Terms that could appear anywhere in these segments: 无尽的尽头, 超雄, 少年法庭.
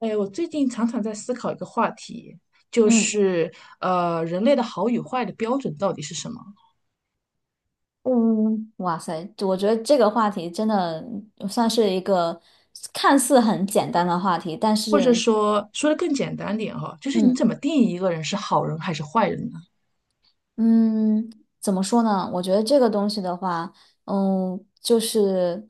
哎，我最近常常在思考一个话题，就嗯是人类的好与坏的标准到底是什么？嗯，哇塞，我觉得这个话题真的算是一个看似很简单的话题，但或者是，说，说的更简单点哈，就是你嗯怎么定义一个人是好人还是坏人呢？嗯，怎么说呢？我觉得这个东西的话，就是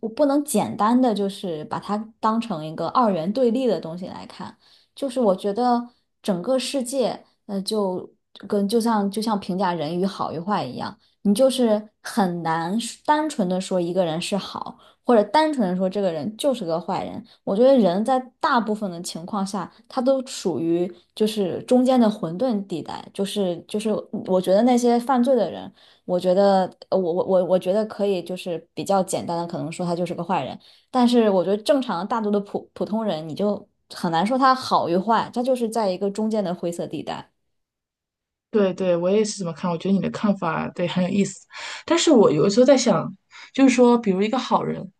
我不能简单的就是把它当成一个二元对立的东西来看，就是我觉得整个世界，就跟就像就像评价人与好与坏一样，你就是很难单纯的说一个人是好。或者单纯的说这个人就是个坏人。我觉得人在大部分的情况下，他都属于就是中间的混沌地带，就是我觉得那些犯罪的人，我觉得我觉得可以就是比较简单的可能说他就是个坏人，但是我觉得正常大多的普普通人，你就很难说他好与坏，他就是在一个中间的灰色地带。对对，我也是这么看。我觉得你的看法对很有意思，但是我有的时候在想，就是说，比如一个好人，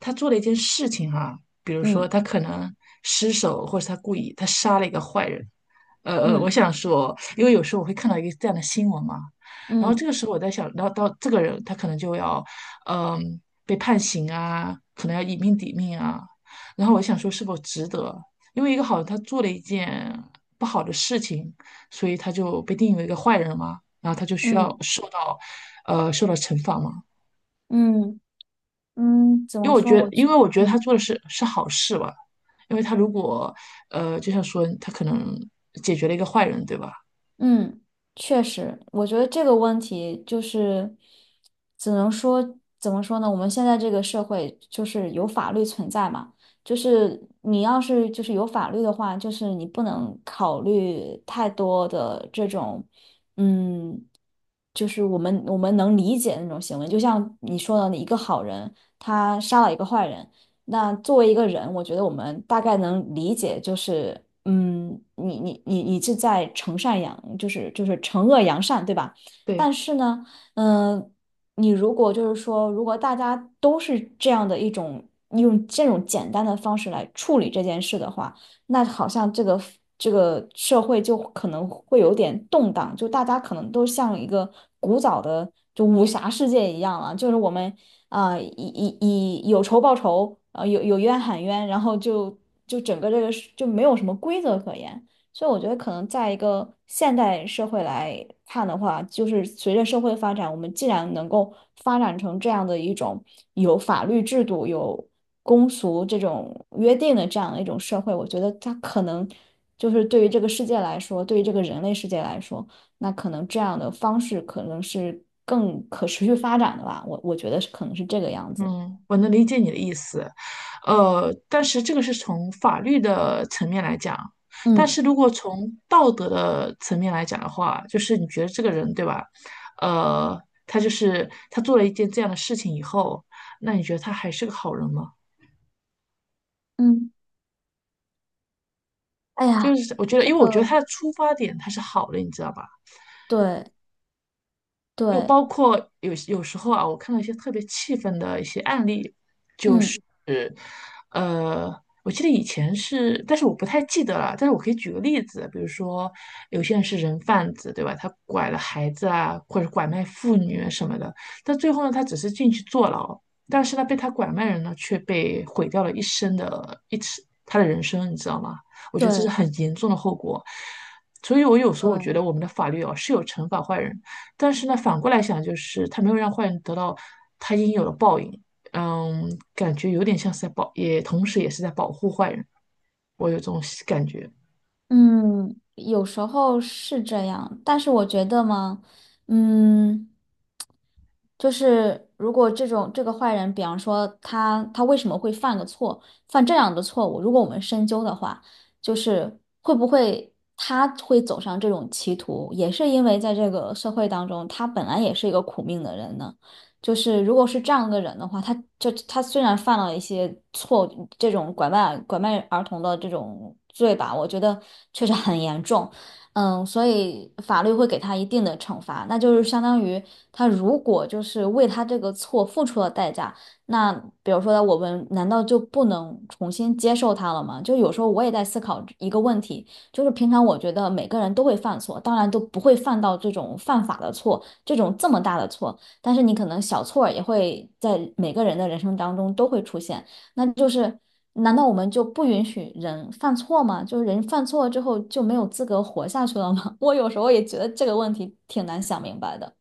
他做了一件事情哈、比如说嗯他可能失手，或者他故意，他杀了一个坏人。我嗯想说，因为有时候我会看到一个这样的新闻嘛，然后这嗯个时候我在想，然后到这个人他可能就要，嗯、被判刑啊，可能要以命抵命啊。然后我想说，是否值得？因为一个好人他做了一件不好的事情。所以他就被定义为一个坏人嘛，然后他就需要嗯受到，受到惩罚嘛。嗯嗯，怎因么为我说？觉得，我因去，为我觉得他嗯。做的是好事吧，因为他如果，就像说他可能解决了一个坏人，对吧？嗯，确实，我觉得这个问题就是，只能说怎么说呢？我们现在这个社会就是有法律存在嘛，就是你要是就是有法律的话，就是你不能考虑太多的这种，嗯，就是我们能理解的那种行为。就像你说的，一个好人他杀了一个坏人，那作为一个人，我觉得我们大概能理解，就是，你是在惩善扬，就是惩恶扬善，对吧？对，但是呢，嗯、你如果就是说，如果大家都是这样的一种用这种简单的方式来处理这件事的话，那好像这个社会就可能会有点动荡，就大家可能都像一个古早的就武侠世界一样了，就是我们以有仇报仇，啊有冤喊冤，然后就整个这个是就没有什么规则可言。所以我觉得，可能在一个现代社会来看的话，就是随着社会发展，我们既然能够发展成这样的一种有法律制度、有公俗这种约定的这样的一种社会，我觉得它可能就是对于这个世界来说，对于这个人类世界来说。那可能这样的方式可能是更可持续发展的吧，我觉得是可能是这个样子。嗯，我能理解你的意思，但是这个是从法律的层面来讲，但嗯是如果从道德的层面来讲的话，就是你觉得这个人，对吧？呃，他就是他做了一件这样的事情以后，那你觉得他还是个好人吗？嗯，哎就呀，是我觉得，这因为我觉个得他的出发点他是好的，你知道吧？对就对，包括有时候啊，我看到一些特别气愤的一些案例，嗯是，呃，我记得以前是，但是我不太记得了。但是我可以举个例子，比如说有些人是人贩子，对吧？他拐了孩子啊，或者拐卖妇女啊什么的。但最后呢，他只是进去坐牢，但是呢，被他拐卖人呢，却被毁掉了一生的一次他的人生，你知道吗？我觉得这是对很严重的后果。所以，我有时候我对，觉得我们的法律哦是有惩罚坏人，但是呢，反过来想，就是他没有让坏人得到他应有的报应。嗯，感觉有点像是在保，也同时也是在保护坏人，我有这种感觉。嗯，有时候是这样，但是我觉得嘛，嗯。就是如果这种这个坏人，比方说他为什么会犯个错，犯这样的错误，如果我们深究的话，就是会不会他会走上这种歧途，也是因为在这个社会当中，他本来也是一个苦命的人呢。就是如果是这样的人的话，他虽然犯了一些错，这种拐卖儿童的这种罪吧，我觉得确实很严重。所以法律会给他一定的惩罚，那就是相当于他如果就是为他这个错付出了代价，那比如说我们难道就不能重新接受他了吗？就有时候我也在思考一个问题，就是平常我觉得每个人都会犯错，当然都不会犯到这种犯法的错，这种这么大的错，但是你可能小错儿也会在每个人的人生当中都会出现。那就是，难道我们就不允许人犯错吗？就是人犯错之后就没有资格活下去了吗？我有时候也觉得这个问题挺难想明白的。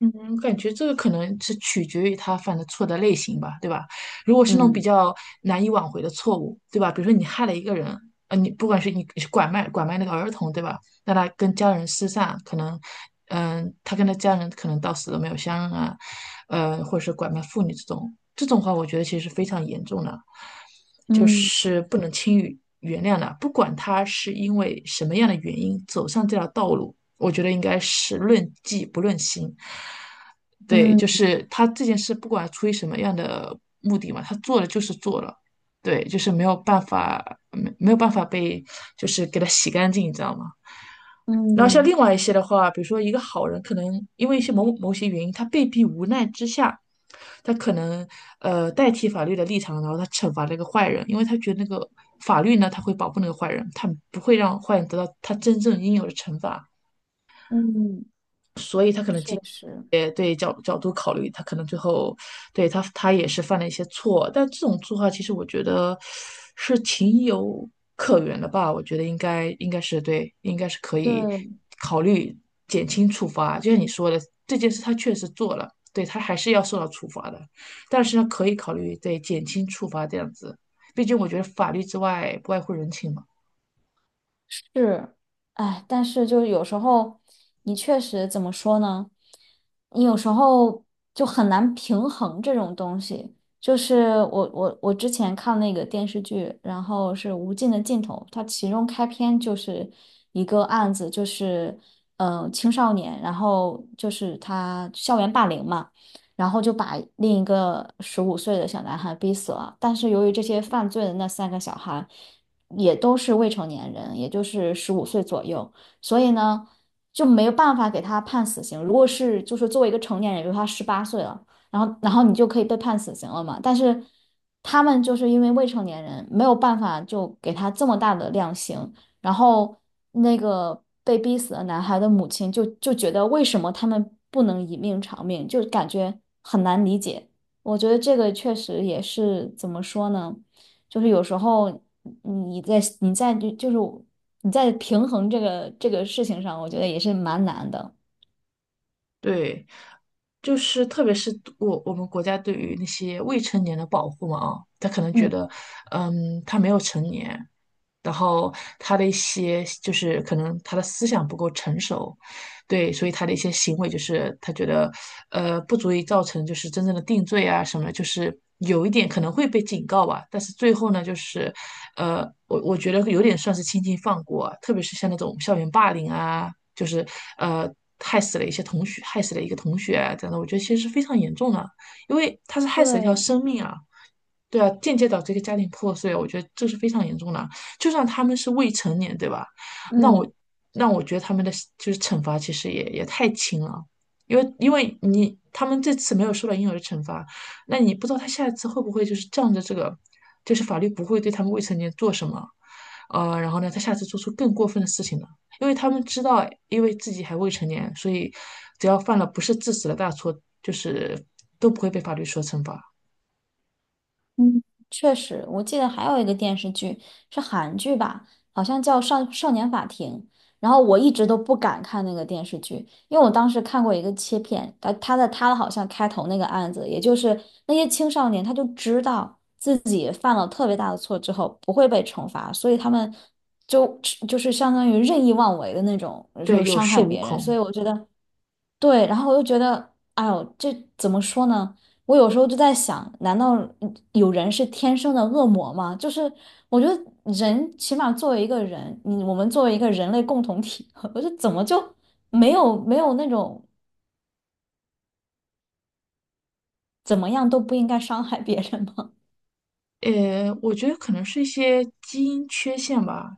嗯，感觉这个可能是取决于他犯的错的类型吧，对吧？如果是那种比嗯较难以挽回的错误，对吧？比如说你害了一个人，你不管是你是拐卖那个儿童，对吧？那他跟家人失散，可能，他跟他家人可能到死都没有相认啊，或者是拐卖妇女这种，这种话我觉得其实是非常严重的，就嗯是不能轻易原谅的。不管他是因为什么样的原因走上这条道路，我觉得应该是论迹不论心。对，就嗯是他这件事，不管出于什么样的目的嘛，他做了就是做了，对，就是没有办法，没有办法被，就是给他洗干净，你知道吗？然后像嗯另外一些的话，比如说一个好人，可能因为一些某些原因，他被逼无奈之下，他可能代替法律的立场，然后他惩罚那个坏人，因为他觉得那个法律呢，他会保护那个坏人，他不会让坏人得到他真正应有的惩罚。嗯，确实。也对角度考虑，他可能最后对他他也是犯了一些错，但这种做法其实我觉得是情有可原的吧，我觉得应该是对，应该是可对，以考虑减轻处罚。就像你说的，这件事他确实做了，对他还是要受到处罚的，但是呢，可以考虑对减轻处罚这样子，毕竟我觉得法律之外不外乎人情嘛。是，哎，但是就是有时候，你确实怎么说呢？你有时候就很难平衡这种东西。就是我之前看那个电视剧，然后是《无尽的尽头》，它其中开篇就是一个案子，就是青少年，然后就是他校园霸凌嘛，然后就把另一个十五岁的小男孩逼死了。但是由于这些犯罪的那三个小孩。也都是未成年人，也就是十五岁左右，所以呢，就没有办法给他判死刑。如果是就是作为一个成年人，比如他18岁了，然后你就可以被判死刑了嘛。但是他们就是因为未成年人，没有办法就给他这么大的量刑。然后那个被逼死的男孩的母亲就觉得为什么他们不能以命偿命，就感觉很难理解。我觉得这个确实也是怎么说呢？就是有时候你在你在就就是你在平衡这个事情上，我觉得也是蛮难的。对，就是特别是我们国家对于那些未成年的保护嘛啊，他可能觉嗯。得，嗯，他没有成年，然后他的一些就是可能他的思想不够成熟，对，所以他的一些行为就是他觉得，不足以造成就是真正的定罪啊什么，就是有一点可能会被警告吧，但是最后呢，就是，我觉得有点算是轻轻放过啊特别是像那种校园霸凌啊，就是呃害死了一些同学，害死了一个同学啊这样的，我觉得其实是非常严重的啊，因为他是害死了一条对，生命啊，对啊，间接导致一个家庭破碎，我觉得这是非常严重的啊。就算他们是未成年，对吧？那我嗯。那我觉得他们的就是惩罚其实也太轻了，因为你他们这次没有受到应有的惩罚，那你不知道他下一次会不会就是仗着这个，就是法律不会对他们未成年做什么，然后呢，他下次做出更过分的事情呢？因为他们知道，因为自己还未成年，所以只要犯了不是致死的大错，就是都不会被法律所惩罚。嗯，确实，我记得还有一个电视剧是韩剧吧，好像叫《少年法庭》。然后我一直都不敢看那个电视剧，因为我当时看过一个切片，他好像开头那个案子，也就是那些青少年，他就知道自己犯了特别大的错之后不会被惩罚，所以他们就就是相当于任意妄为的那种，就对，是有伤恃害无别人。所恐。以我觉得。对，然后我就觉得，哎呦，这怎么说呢？我有时候就在想，难道有人是天生的恶魔吗？就是我觉得人起码作为一个人，我们作为一个人类共同体，我就怎么就没有那种怎么样都不应该伤害别人吗？我觉得可能是一些基因缺陷吧，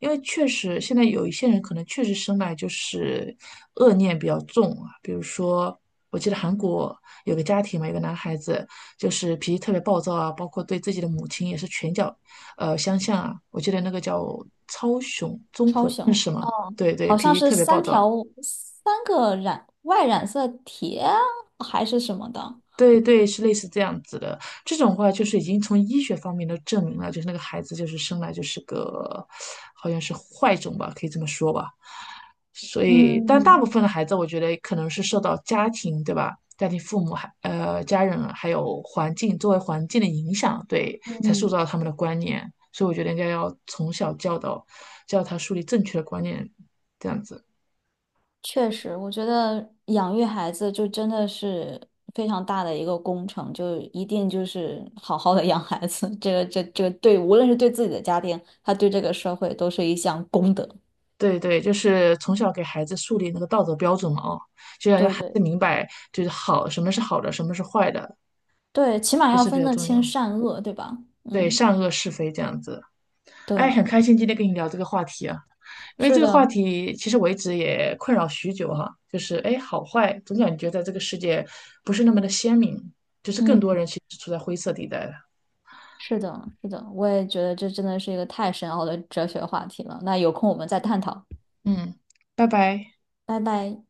因为确实现在有一些人可能确实生来就是恶念比较重啊，比如说我记得韩国有个家庭嘛，有个男孩子就是脾气特别暴躁啊，包括对自己的母亲也是拳脚相向啊，我记得那个叫超雄 综超合症雄是吗？对对，好脾像气是特别暴三躁。条三个染色体啊还是什么的，对对，是类似这样子的。这种话就是已经从医学方面都证明了，就是那个孩子就是生来就是个，好像是坏种吧，可以这么说吧。所以，但大部嗯。分的孩子，我觉得可能是受到家庭，对吧？家庭、父母、还家人，还有环境周围环境的影响，对，才塑嗯，造他们的观念。所以，我觉得应该要从小教导，教他树立正确的观念，这样子。确实，我觉得养育孩子就真的是非常大的一个工程，就一定就是好好的养孩子，这个对，无论是对自己的家庭，他对这个社会都是一项功德。对对，就是从小给孩子树立那个道德标准嘛，哦，就要让对孩子对明白，就是好，什么是好的，什么是坏的，对，起码这要是比分较得重清要。善恶，对吧？对，嗯，善恶是非这样子。哎，对，很开心今天跟你聊这个话题啊，因为是这个的，话题其实我一直也困扰许久哈、就是哎，好坏总感觉在这个世界不是那么的鲜明，就是嗯，更多人其实处在灰色地带的。是的，是的，我也觉得这真的是一个太深奥的哲学话题了。那有空我们再探讨，嗯，拜拜。拜拜。